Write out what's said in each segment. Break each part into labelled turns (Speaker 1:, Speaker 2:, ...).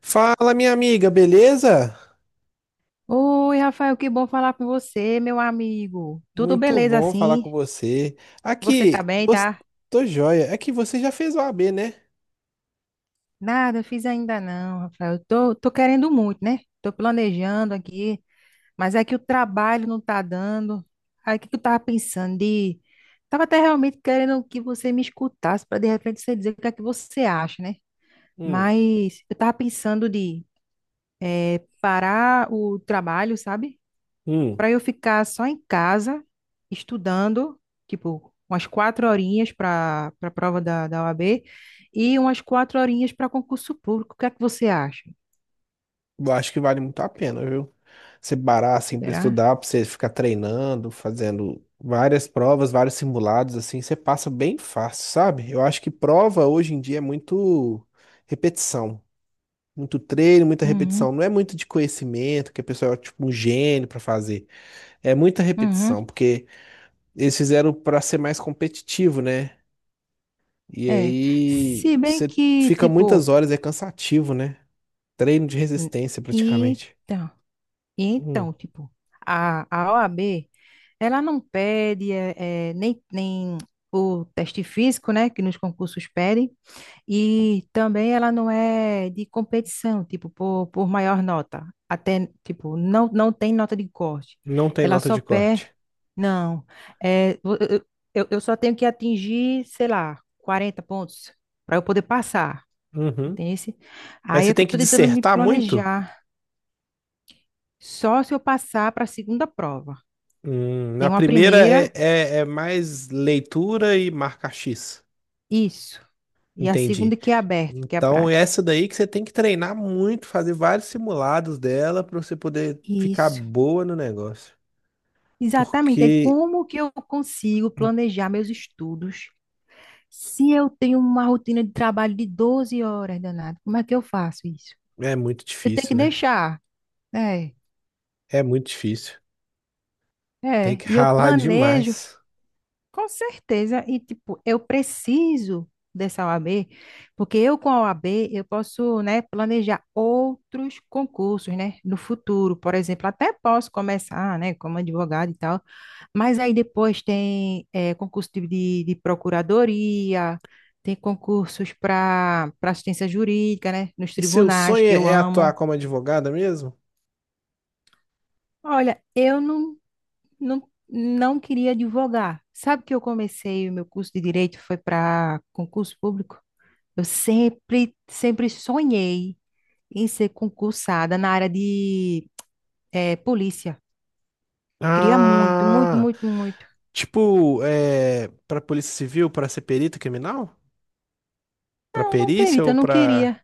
Speaker 1: Fala, minha amiga, beleza?
Speaker 2: Oi, Rafael, que bom falar com você, meu amigo. Tudo
Speaker 1: Muito
Speaker 2: beleza
Speaker 1: bom falar com
Speaker 2: assim?
Speaker 1: você.
Speaker 2: Você tá
Speaker 1: Aqui,
Speaker 2: bem,
Speaker 1: você...
Speaker 2: tá?
Speaker 1: tô joia. É que você já fez o AB, né?
Speaker 2: Nada, fiz ainda não, Rafael. Tô querendo muito, né? Tô planejando aqui, mas é que o trabalho não tá dando. Aí o que que eu tava pensando de... Tava até realmente querendo que você me escutasse para de repente você dizer o que é que você acha, né?
Speaker 1: Hum,
Speaker 2: Mas eu tava pensando de parar o trabalho, sabe?
Speaker 1: hum.
Speaker 2: Para eu ficar só em casa, estudando, tipo, umas quatro horinhas para a prova da OAB e umas quatro horinhas para concurso público. O que é que você acha?
Speaker 1: Eu acho que vale muito a pena, viu? Você parar assim pra
Speaker 2: Será?
Speaker 1: estudar, pra você ficar treinando, fazendo várias provas, vários simulados, assim, você passa bem fácil, sabe? Eu acho que prova hoje em dia é muito repetição. Muito treino, muita
Speaker 2: Uhum,
Speaker 1: repetição. Não é muito de conhecimento, que a pessoa é tipo um gênio pra fazer. É muita
Speaker 2: uhum,
Speaker 1: repetição, porque eles fizeram para ser mais competitivo, né? E
Speaker 2: é.
Speaker 1: aí
Speaker 2: Se bem
Speaker 1: você
Speaker 2: que,
Speaker 1: fica
Speaker 2: tipo,
Speaker 1: muitas horas, é cansativo, né? Treino de
Speaker 2: n-
Speaker 1: resistência praticamente.
Speaker 2: então,
Speaker 1: Hum,
Speaker 2: então, tipo, a OAB, ela não pede nem o teste físico, né, que nos concursos pedem. E também ela não é de competição, tipo, por maior nota. Até, tipo, não tem nota de corte.
Speaker 1: não tem
Speaker 2: Ela
Speaker 1: nota
Speaker 2: só
Speaker 1: de
Speaker 2: pé,
Speaker 1: corte.
Speaker 2: não. É, eu só tenho que atingir, sei lá, 40 pontos para eu poder passar,
Speaker 1: Uhum.
Speaker 2: entende?
Speaker 1: Mas
Speaker 2: Aí
Speaker 1: você
Speaker 2: é que eu
Speaker 1: tem que
Speaker 2: estou tentando me
Speaker 1: dissertar muito?
Speaker 2: planejar. Só se eu passar para a segunda prova. Tem
Speaker 1: Na
Speaker 2: uma
Speaker 1: primeira é,
Speaker 2: primeira,
Speaker 1: é, é mais leitura e marca X.
Speaker 2: isso. E a
Speaker 1: Entendi.
Speaker 2: segunda, que é aberta, que é a
Speaker 1: Então, é
Speaker 2: prática.
Speaker 1: essa daí que você tem que treinar muito, fazer vários simulados dela para você poder ficar
Speaker 2: Isso.
Speaker 1: boa no negócio.
Speaker 2: Exatamente, é
Speaker 1: Porque
Speaker 2: como que eu consigo planejar meus estudos se eu tenho uma rotina de trabalho de 12 horas, danado? Como é que eu faço isso?
Speaker 1: é muito
Speaker 2: Eu tenho que
Speaker 1: difícil, né?
Speaker 2: deixar, é,
Speaker 1: É muito difícil. Tem
Speaker 2: é,
Speaker 1: que
Speaker 2: e eu
Speaker 1: ralar
Speaker 2: planejo.
Speaker 1: demais.
Speaker 2: Com certeza. E, tipo, eu preciso dessa OAB, porque eu com a OAB eu posso, né, planejar outros concursos, né, no futuro. Por exemplo, até posso começar, né, como advogado e tal, mas aí depois tem concurso de procuradoria, tem concursos para assistência jurídica, né, nos
Speaker 1: E seu
Speaker 2: tribunais,
Speaker 1: sonho
Speaker 2: que
Speaker 1: é
Speaker 2: eu
Speaker 1: é atuar
Speaker 2: amo.
Speaker 1: como advogada mesmo?
Speaker 2: Olha, eu não, não, não queria advogar. Sabe que eu comecei o meu curso de direito foi para concurso público? Eu sempre sonhei em ser concursada na área de polícia. Queria muito, muito,
Speaker 1: Ah,
Speaker 2: muito, muito.
Speaker 1: tipo, é, para Polícia Civil, para ser perito criminal? Para
Speaker 2: Não, não
Speaker 1: perícia
Speaker 2: perita,
Speaker 1: ou
Speaker 2: eu não
Speaker 1: para
Speaker 2: queria.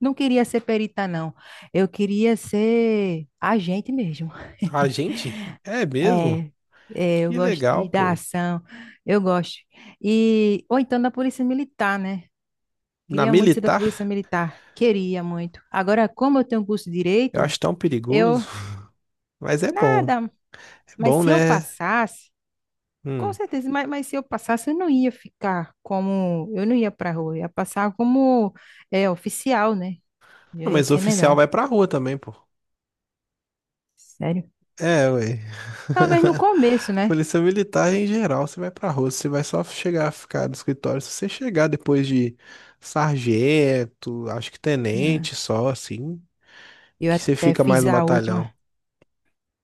Speaker 2: Não queria ser perita, não. Eu queria ser agente mesmo.
Speaker 1: agente? É mesmo?
Speaker 2: É, é, eu
Speaker 1: Que
Speaker 2: gosto
Speaker 1: legal,
Speaker 2: de, da
Speaker 1: pô.
Speaker 2: ação, eu gosto. E, ou então da polícia militar, né?
Speaker 1: Na
Speaker 2: Queria muito ser da Polícia
Speaker 1: militar,
Speaker 2: Militar. Queria muito. Agora, como eu tenho curso de
Speaker 1: eu
Speaker 2: direito,
Speaker 1: acho tão
Speaker 2: eu.
Speaker 1: perigoso, mas é bom.
Speaker 2: Nada.
Speaker 1: É
Speaker 2: Mas
Speaker 1: bom,
Speaker 2: se eu
Speaker 1: né?
Speaker 2: passasse, com
Speaker 1: Hum.
Speaker 2: certeza, mas se eu passasse, eu não ia ficar como. Eu não ia pra rua, eu ia passar como é, oficial, né? Eu
Speaker 1: Não,
Speaker 2: ia
Speaker 1: mas o
Speaker 2: ser
Speaker 1: oficial
Speaker 2: melhor.
Speaker 1: vai pra rua também, pô.
Speaker 2: Sério.
Speaker 1: É, ué.
Speaker 2: Talvez no começo, né?
Speaker 1: Polícia militar em geral, você vai pra rua, você vai só chegar a ficar no escritório. Se você chegar depois de sargento, acho que
Speaker 2: Ah,
Speaker 1: tenente só, assim,
Speaker 2: eu
Speaker 1: que você
Speaker 2: até
Speaker 1: fica mais
Speaker 2: fiz
Speaker 1: no
Speaker 2: a última.
Speaker 1: batalhão.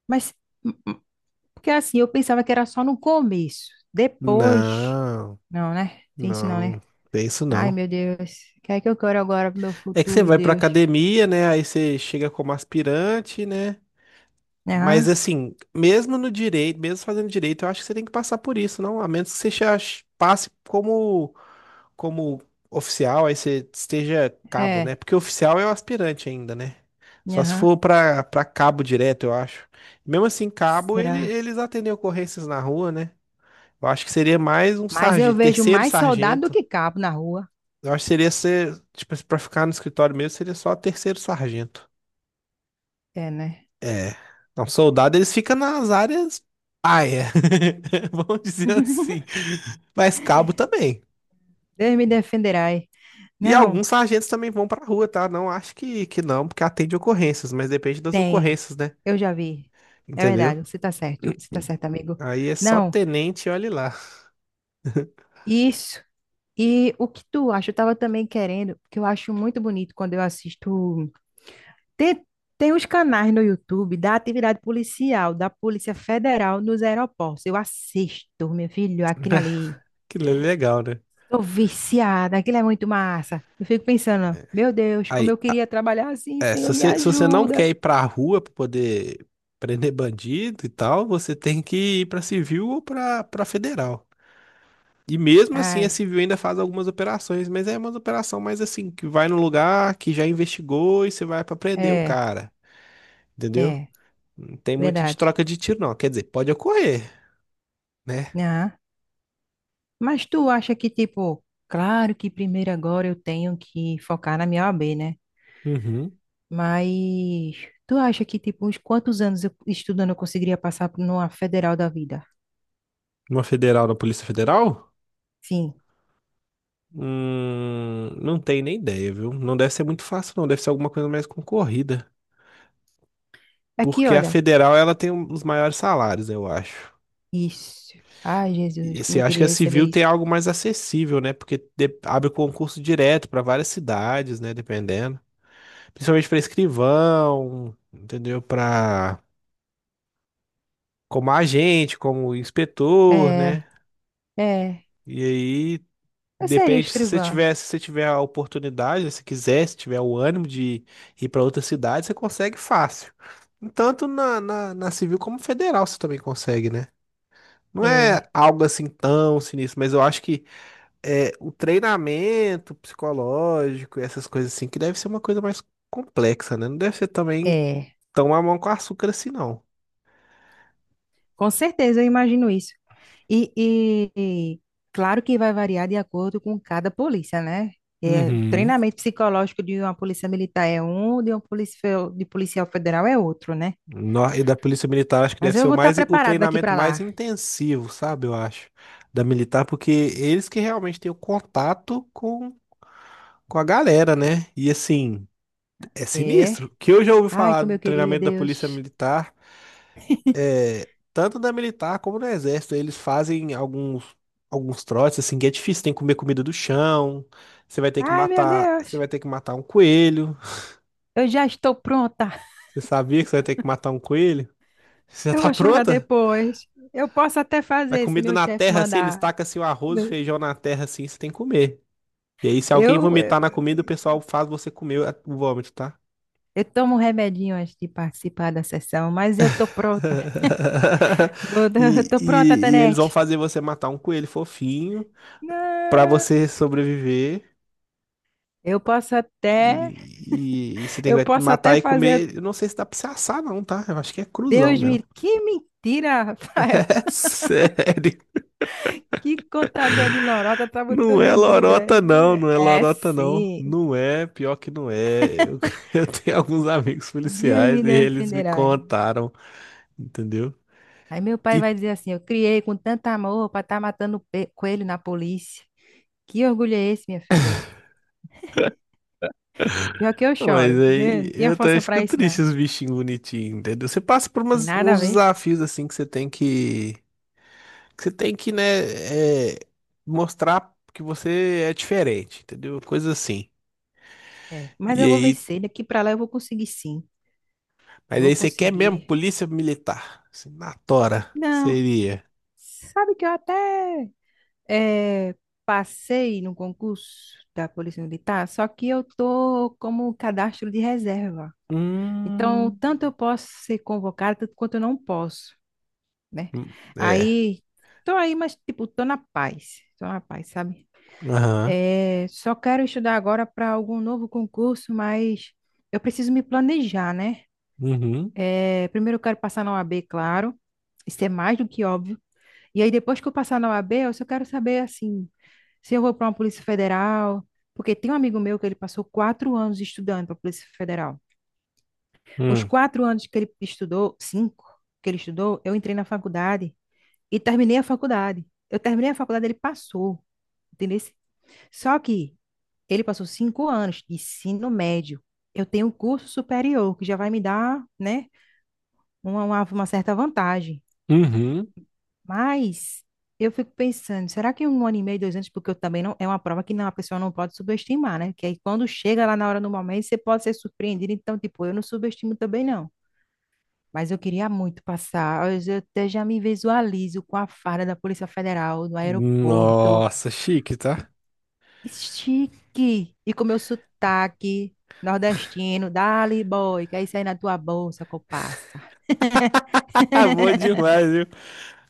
Speaker 2: Mas. Hum, porque assim, eu pensava que era só no começo. Depois.
Speaker 1: Não,
Speaker 2: Não, né? Tem isso não, né?
Speaker 1: não, tem isso
Speaker 2: Ai,
Speaker 1: não.
Speaker 2: meu Deus. O que é que eu quero agora pro meu
Speaker 1: É que você
Speaker 2: futuro,
Speaker 1: vai pra
Speaker 2: Deus?
Speaker 1: academia, né? Aí você chega como aspirante, né? Mas
Speaker 2: Aham,
Speaker 1: assim, mesmo no direito, mesmo fazendo direito, eu acho que você tem que passar por isso, não? A menos que você já passe como oficial, aí você esteja cabo, né?
Speaker 2: é.
Speaker 1: Porque oficial é o aspirante ainda, né? Só se
Speaker 2: Aham.
Speaker 1: for pra cabo direto, eu acho. Mesmo assim, cabo,
Speaker 2: Será?
Speaker 1: eles atendem ocorrências na rua, né? Eu acho que seria mais um
Speaker 2: Mas eu
Speaker 1: sargento,
Speaker 2: vejo
Speaker 1: terceiro
Speaker 2: mais soldado do
Speaker 1: sargento.
Speaker 2: que cabo na rua.
Speaker 1: Eu acho que seria ser, tipo, pra ficar no escritório mesmo, seria só terceiro sargento.
Speaker 2: É, né?
Speaker 1: É. Não, soldado, eles ficam nas áreas paia, vamos dizer assim. Mas cabo também.
Speaker 2: Deus me defenderá, hein?
Speaker 1: E
Speaker 2: Não,
Speaker 1: alguns sargentos também vão pra rua, tá? Não acho que não, porque atende ocorrências, mas depende das
Speaker 2: tem.
Speaker 1: ocorrências, né?
Speaker 2: Eu já vi. É
Speaker 1: Entendeu?
Speaker 2: verdade, você tá certo. Você tá certo, amigo.
Speaker 1: Aí é só
Speaker 2: Não,
Speaker 1: tenente, olhe lá.
Speaker 2: isso. E o que tu acha? Eu tava também querendo, porque eu acho muito bonito quando eu assisto. Tem, tem os canais no YouTube da atividade policial, da Polícia Federal nos aeroportos. Eu assisto, meu filho, aquilo ali.
Speaker 1: Que legal, né?
Speaker 2: Tô viciada, aquilo é muito massa. Eu fico pensando, meu Deus, como
Speaker 1: Aí,
Speaker 2: eu queria trabalhar assim,
Speaker 1: é, se
Speaker 2: Senhor, me
Speaker 1: você, se você não quer
Speaker 2: ajuda.
Speaker 1: ir pra rua pra poder prender bandido e tal, você tem que ir pra civil ou pra federal. E mesmo assim, a
Speaker 2: Ai,
Speaker 1: civil ainda faz algumas operações, mas é uma operação mais assim, que vai no lugar que já investigou e você vai pra prender o
Speaker 2: é,
Speaker 1: cara, entendeu?
Speaker 2: é,
Speaker 1: Não tem muito de
Speaker 2: verdade.
Speaker 1: troca de tiro, não. Quer dizer, pode ocorrer, né?
Speaker 2: Ah, mas tu acha que, tipo, claro que primeiro agora eu tenho que focar na minha OAB, né?
Speaker 1: Uhum.
Speaker 2: Mas tu acha que, tipo, uns quantos anos eu estudando eu conseguiria passar por numa federal da vida?
Speaker 1: Uma federal na Polícia Federal?
Speaker 2: Sim.
Speaker 1: Não tenho nem ideia, viu? Não deve ser muito fácil, não. Deve ser alguma coisa mais concorrida.
Speaker 2: Aqui,
Speaker 1: Porque a
Speaker 2: olha.
Speaker 1: federal, ela tem os maiores salários, eu acho.
Speaker 2: Isso. Ai,
Speaker 1: E
Speaker 2: Jesus, como
Speaker 1: você
Speaker 2: eu
Speaker 1: acha que
Speaker 2: queria
Speaker 1: a
Speaker 2: receber
Speaker 1: civil tem
Speaker 2: isso.
Speaker 1: algo mais acessível, né? Porque abre concurso direto para várias cidades, né? Dependendo. Principalmente para escrivão, entendeu? Para como agente, como inspetor,
Speaker 2: É,
Speaker 1: né?
Speaker 2: é.
Speaker 1: E aí
Speaker 2: Eu seria
Speaker 1: depende, se você
Speaker 2: escrivã.
Speaker 1: tiver, se você tiver a oportunidade, se quiser, se tiver o ânimo de ir para outra cidade, você consegue fácil. Tanto na civil como federal você também consegue, né? Não é
Speaker 2: É,
Speaker 1: algo assim tão sinistro, mas eu acho que é o treinamento psicológico, e essas coisas assim, que deve ser uma coisa mais complexa, né? Não deve ser também
Speaker 2: é.
Speaker 1: tão a mão com açúcar assim, não.
Speaker 2: Com certeza, eu imagino isso. E, e- e claro que vai variar de acordo com cada polícia, né? É, o
Speaker 1: Uhum.
Speaker 2: treinamento psicológico de uma polícia militar é um, de uma polícia de policial federal é outro, né?
Speaker 1: E da Polícia Militar, acho que
Speaker 2: Mas
Speaker 1: deve
Speaker 2: eu
Speaker 1: ser
Speaker 2: vou estar
Speaker 1: o
Speaker 2: preparada daqui
Speaker 1: treinamento
Speaker 2: para
Speaker 1: mais
Speaker 2: lá.
Speaker 1: intensivo, sabe? Eu acho, da militar, porque eles que realmente têm o contato com a galera, né? E assim, é
Speaker 2: É.
Speaker 1: sinistro. O que eu já ouvi
Speaker 2: Ai,
Speaker 1: falar
Speaker 2: como eu
Speaker 1: do
Speaker 2: queria,
Speaker 1: treinamento da Polícia
Speaker 2: Deus.
Speaker 1: Militar, é, tanto da militar como do Exército, eles fazem alguns, alguns trotes, assim, que é difícil, tem que comer comida do chão, você vai ter que
Speaker 2: Ai, meu
Speaker 1: matar, você
Speaker 2: Deus.
Speaker 1: vai ter que matar um coelho.
Speaker 2: Eu já estou pronta.
Speaker 1: Você sabia que você vai ter que matar um coelho? Você já
Speaker 2: Eu
Speaker 1: tá
Speaker 2: vou chorar
Speaker 1: pronta?
Speaker 2: depois. Eu posso até
Speaker 1: Mas
Speaker 2: fazer se
Speaker 1: comida
Speaker 2: meu
Speaker 1: na
Speaker 2: chefe
Speaker 1: terra, assim, eles
Speaker 2: mandar.
Speaker 1: tacam assim, o arroz o feijão na terra, assim, você tem que comer. E aí, se alguém
Speaker 2: Eu, eu,
Speaker 1: vomitar na comida, o pessoal faz você comer o vômito, tá?
Speaker 2: tomo um remedinho antes de participar da sessão, mas eu tô pronta. Eu tô eu
Speaker 1: E,
Speaker 2: tô pronta,
Speaker 1: e, e eles vão
Speaker 2: Tanete.
Speaker 1: fazer você matar um coelho fofinho pra
Speaker 2: Não,
Speaker 1: você sobreviver.
Speaker 2: eu posso até,
Speaker 1: E você tem
Speaker 2: eu
Speaker 1: que
Speaker 2: posso
Speaker 1: matar
Speaker 2: até
Speaker 1: e
Speaker 2: fazer.
Speaker 1: comer. Eu não sei se dá pra você assar, não, tá? Eu acho que é cruzão
Speaker 2: Deus
Speaker 1: mesmo.
Speaker 2: me, que mentira, Rafael.
Speaker 1: É sério.
Speaker 2: Que contador de lorota tá
Speaker 1: Não é
Speaker 2: botando medo.
Speaker 1: lorota, não,
Speaker 2: É,
Speaker 1: não é
Speaker 2: é
Speaker 1: lorota, não.
Speaker 2: sim.
Speaker 1: Não é, pior que não é. Eu, eu tenho alguns amigos
Speaker 2: Deus
Speaker 1: policiais
Speaker 2: me
Speaker 1: e eles me
Speaker 2: defenderá.
Speaker 1: contaram, entendeu?
Speaker 2: Aí meu pai
Speaker 1: E,
Speaker 2: vai dizer assim: eu criei com tanto amor para estar matando coelho na polícia. Que orgulho é esse, minha filha? Pior que eu
Speaker 1: não, mas
Speaker 2: choro. Dê,
Speaker 1: aí
Speaker 2: não tinha
Speaker 1: eu também
Speaker 2: força
Speaker 1: fico
Speaker 2: para isso,
Speaker 1: triste
Speaker 2: não.
Speaker 1: os bichinhos bonitinhos, entendeu? Você passa por
Speaker 2: Tem nada a
Speaker 1: uns
Speaker 2: ver.
Speaker 1: desafios assim que você tem que, que você tem que, né, é, mostrar que você é diferente, entendeu? Coisa assim.
Speaker 2: É, mas
Speaker 1: E
Speaker 2: eu vou
Speaker 1: aí,
Speaker 2: vencer. Daqui para lá eu vou conseguir, sim. Eu
Speaker 1: mas
Speaker 2: vou
Speaker 1: aí você quer mesmo
Speaker 2: conseguir.
Speaker 1: polícia militar, assim, na tora,
Speaker 2: Não.
Speaker 1: seria.
Speaker 2: Sabe que eu até eh, passei no concurso da Polícia Militar, só que eu tô como um cadastro de reserva. Então,
Speaker 1: Hum.
Speaker 2: tanto eu posso ser convocada, tanto quanto eu não posso, né?
Speaker 1: Hum, é.
Speaker 2: Aí, tô aí, mas, tipo, tô na paz, sabe?
Speaker 1: Aham.
Speaker 2: É, só quero estudar agora para algum novo concurso, mas eu preciso me planejar, né?
Speaker 1: Uhum.
Speaker 2: É, primeiro eu quero passar na OAB, claro, isso é mais do que óbvio. E aí, depois que eu passar na OAB, eu só quero saber, assim, se eu vou para uma Polícia Federal, porque tem um amigo meu que ele passou 4 anos estudando para a Polícia Federal. Os
Speaker 1: Hum.
Speaker 2: 4 anos que ele estudou, cinco que ele estudou, eu entrei na faculdade e terminei a faculdade. Eu terminei a faculdade, ele passou, entendeu? Só que ele passou 5 anos de ensino médio. Eu tenho um curso superior, que já vai me dar, né, uma certa vantagem.
Speaker 1: Uhum.
Speaker 2: Mas eu fico pensando, será que 1 ano e meio, 2 anos, porque eu também não, é uma prova que não, a pessoa não pode subestimar, né? Que aí quando chega lá na hora, no momento, você pode ser surpreendido. Então, tipo, eu não subestimo também, não. Mas eu queria muito passar. Até já me visualizo com a farda da Polícia Federal no aeroporto.
Speaker 1: Nossa, chique, tá?
Speaker 2: Estique e com meu sotaque nordestino, dali boy, que é isso aí na tua bolsa, copaça.
Speaker 1: Bom demais, viu?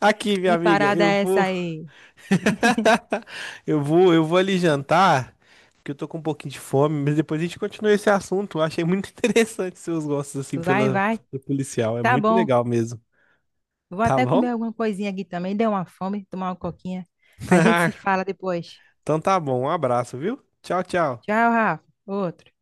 Speaker 1: Aqui, minha
Speaker 2: Que
Speaker 1: amiga,
Speaker 2: parada
Speaker 1: eu
Speaker 2: é essa
Speaker 1: vou.
Speaker 2: aí?
Speaker 1: Eu vou ali jantar, porque eu tô com um pouquinho de fome, mas depois a gente continua esse assunto. Eu achei muito interessante seus gostos, assim,
Speaker 2: Vai,
Speaker 1: pela,
Speaker 2: vai.
Speaker 1: pela policial. É
Speaker 2: Tá
Speaker 1: muito
Speaker 2: bom.
Speaker 1: legal mesmo.
Speaker 2: Vou
Speaker 1: Tá
Speaker 2: até comer
Speaker 1: bom?
Speaker 2: alguma coisinha aqui também. Deu uma fome, tomar uma coquinha. A gente se fala depois.
Speaker 1: Então tá bom. Um abraço, viu? Tchau, tchau.
Speaker 2: Tchau, Rafa. Outro.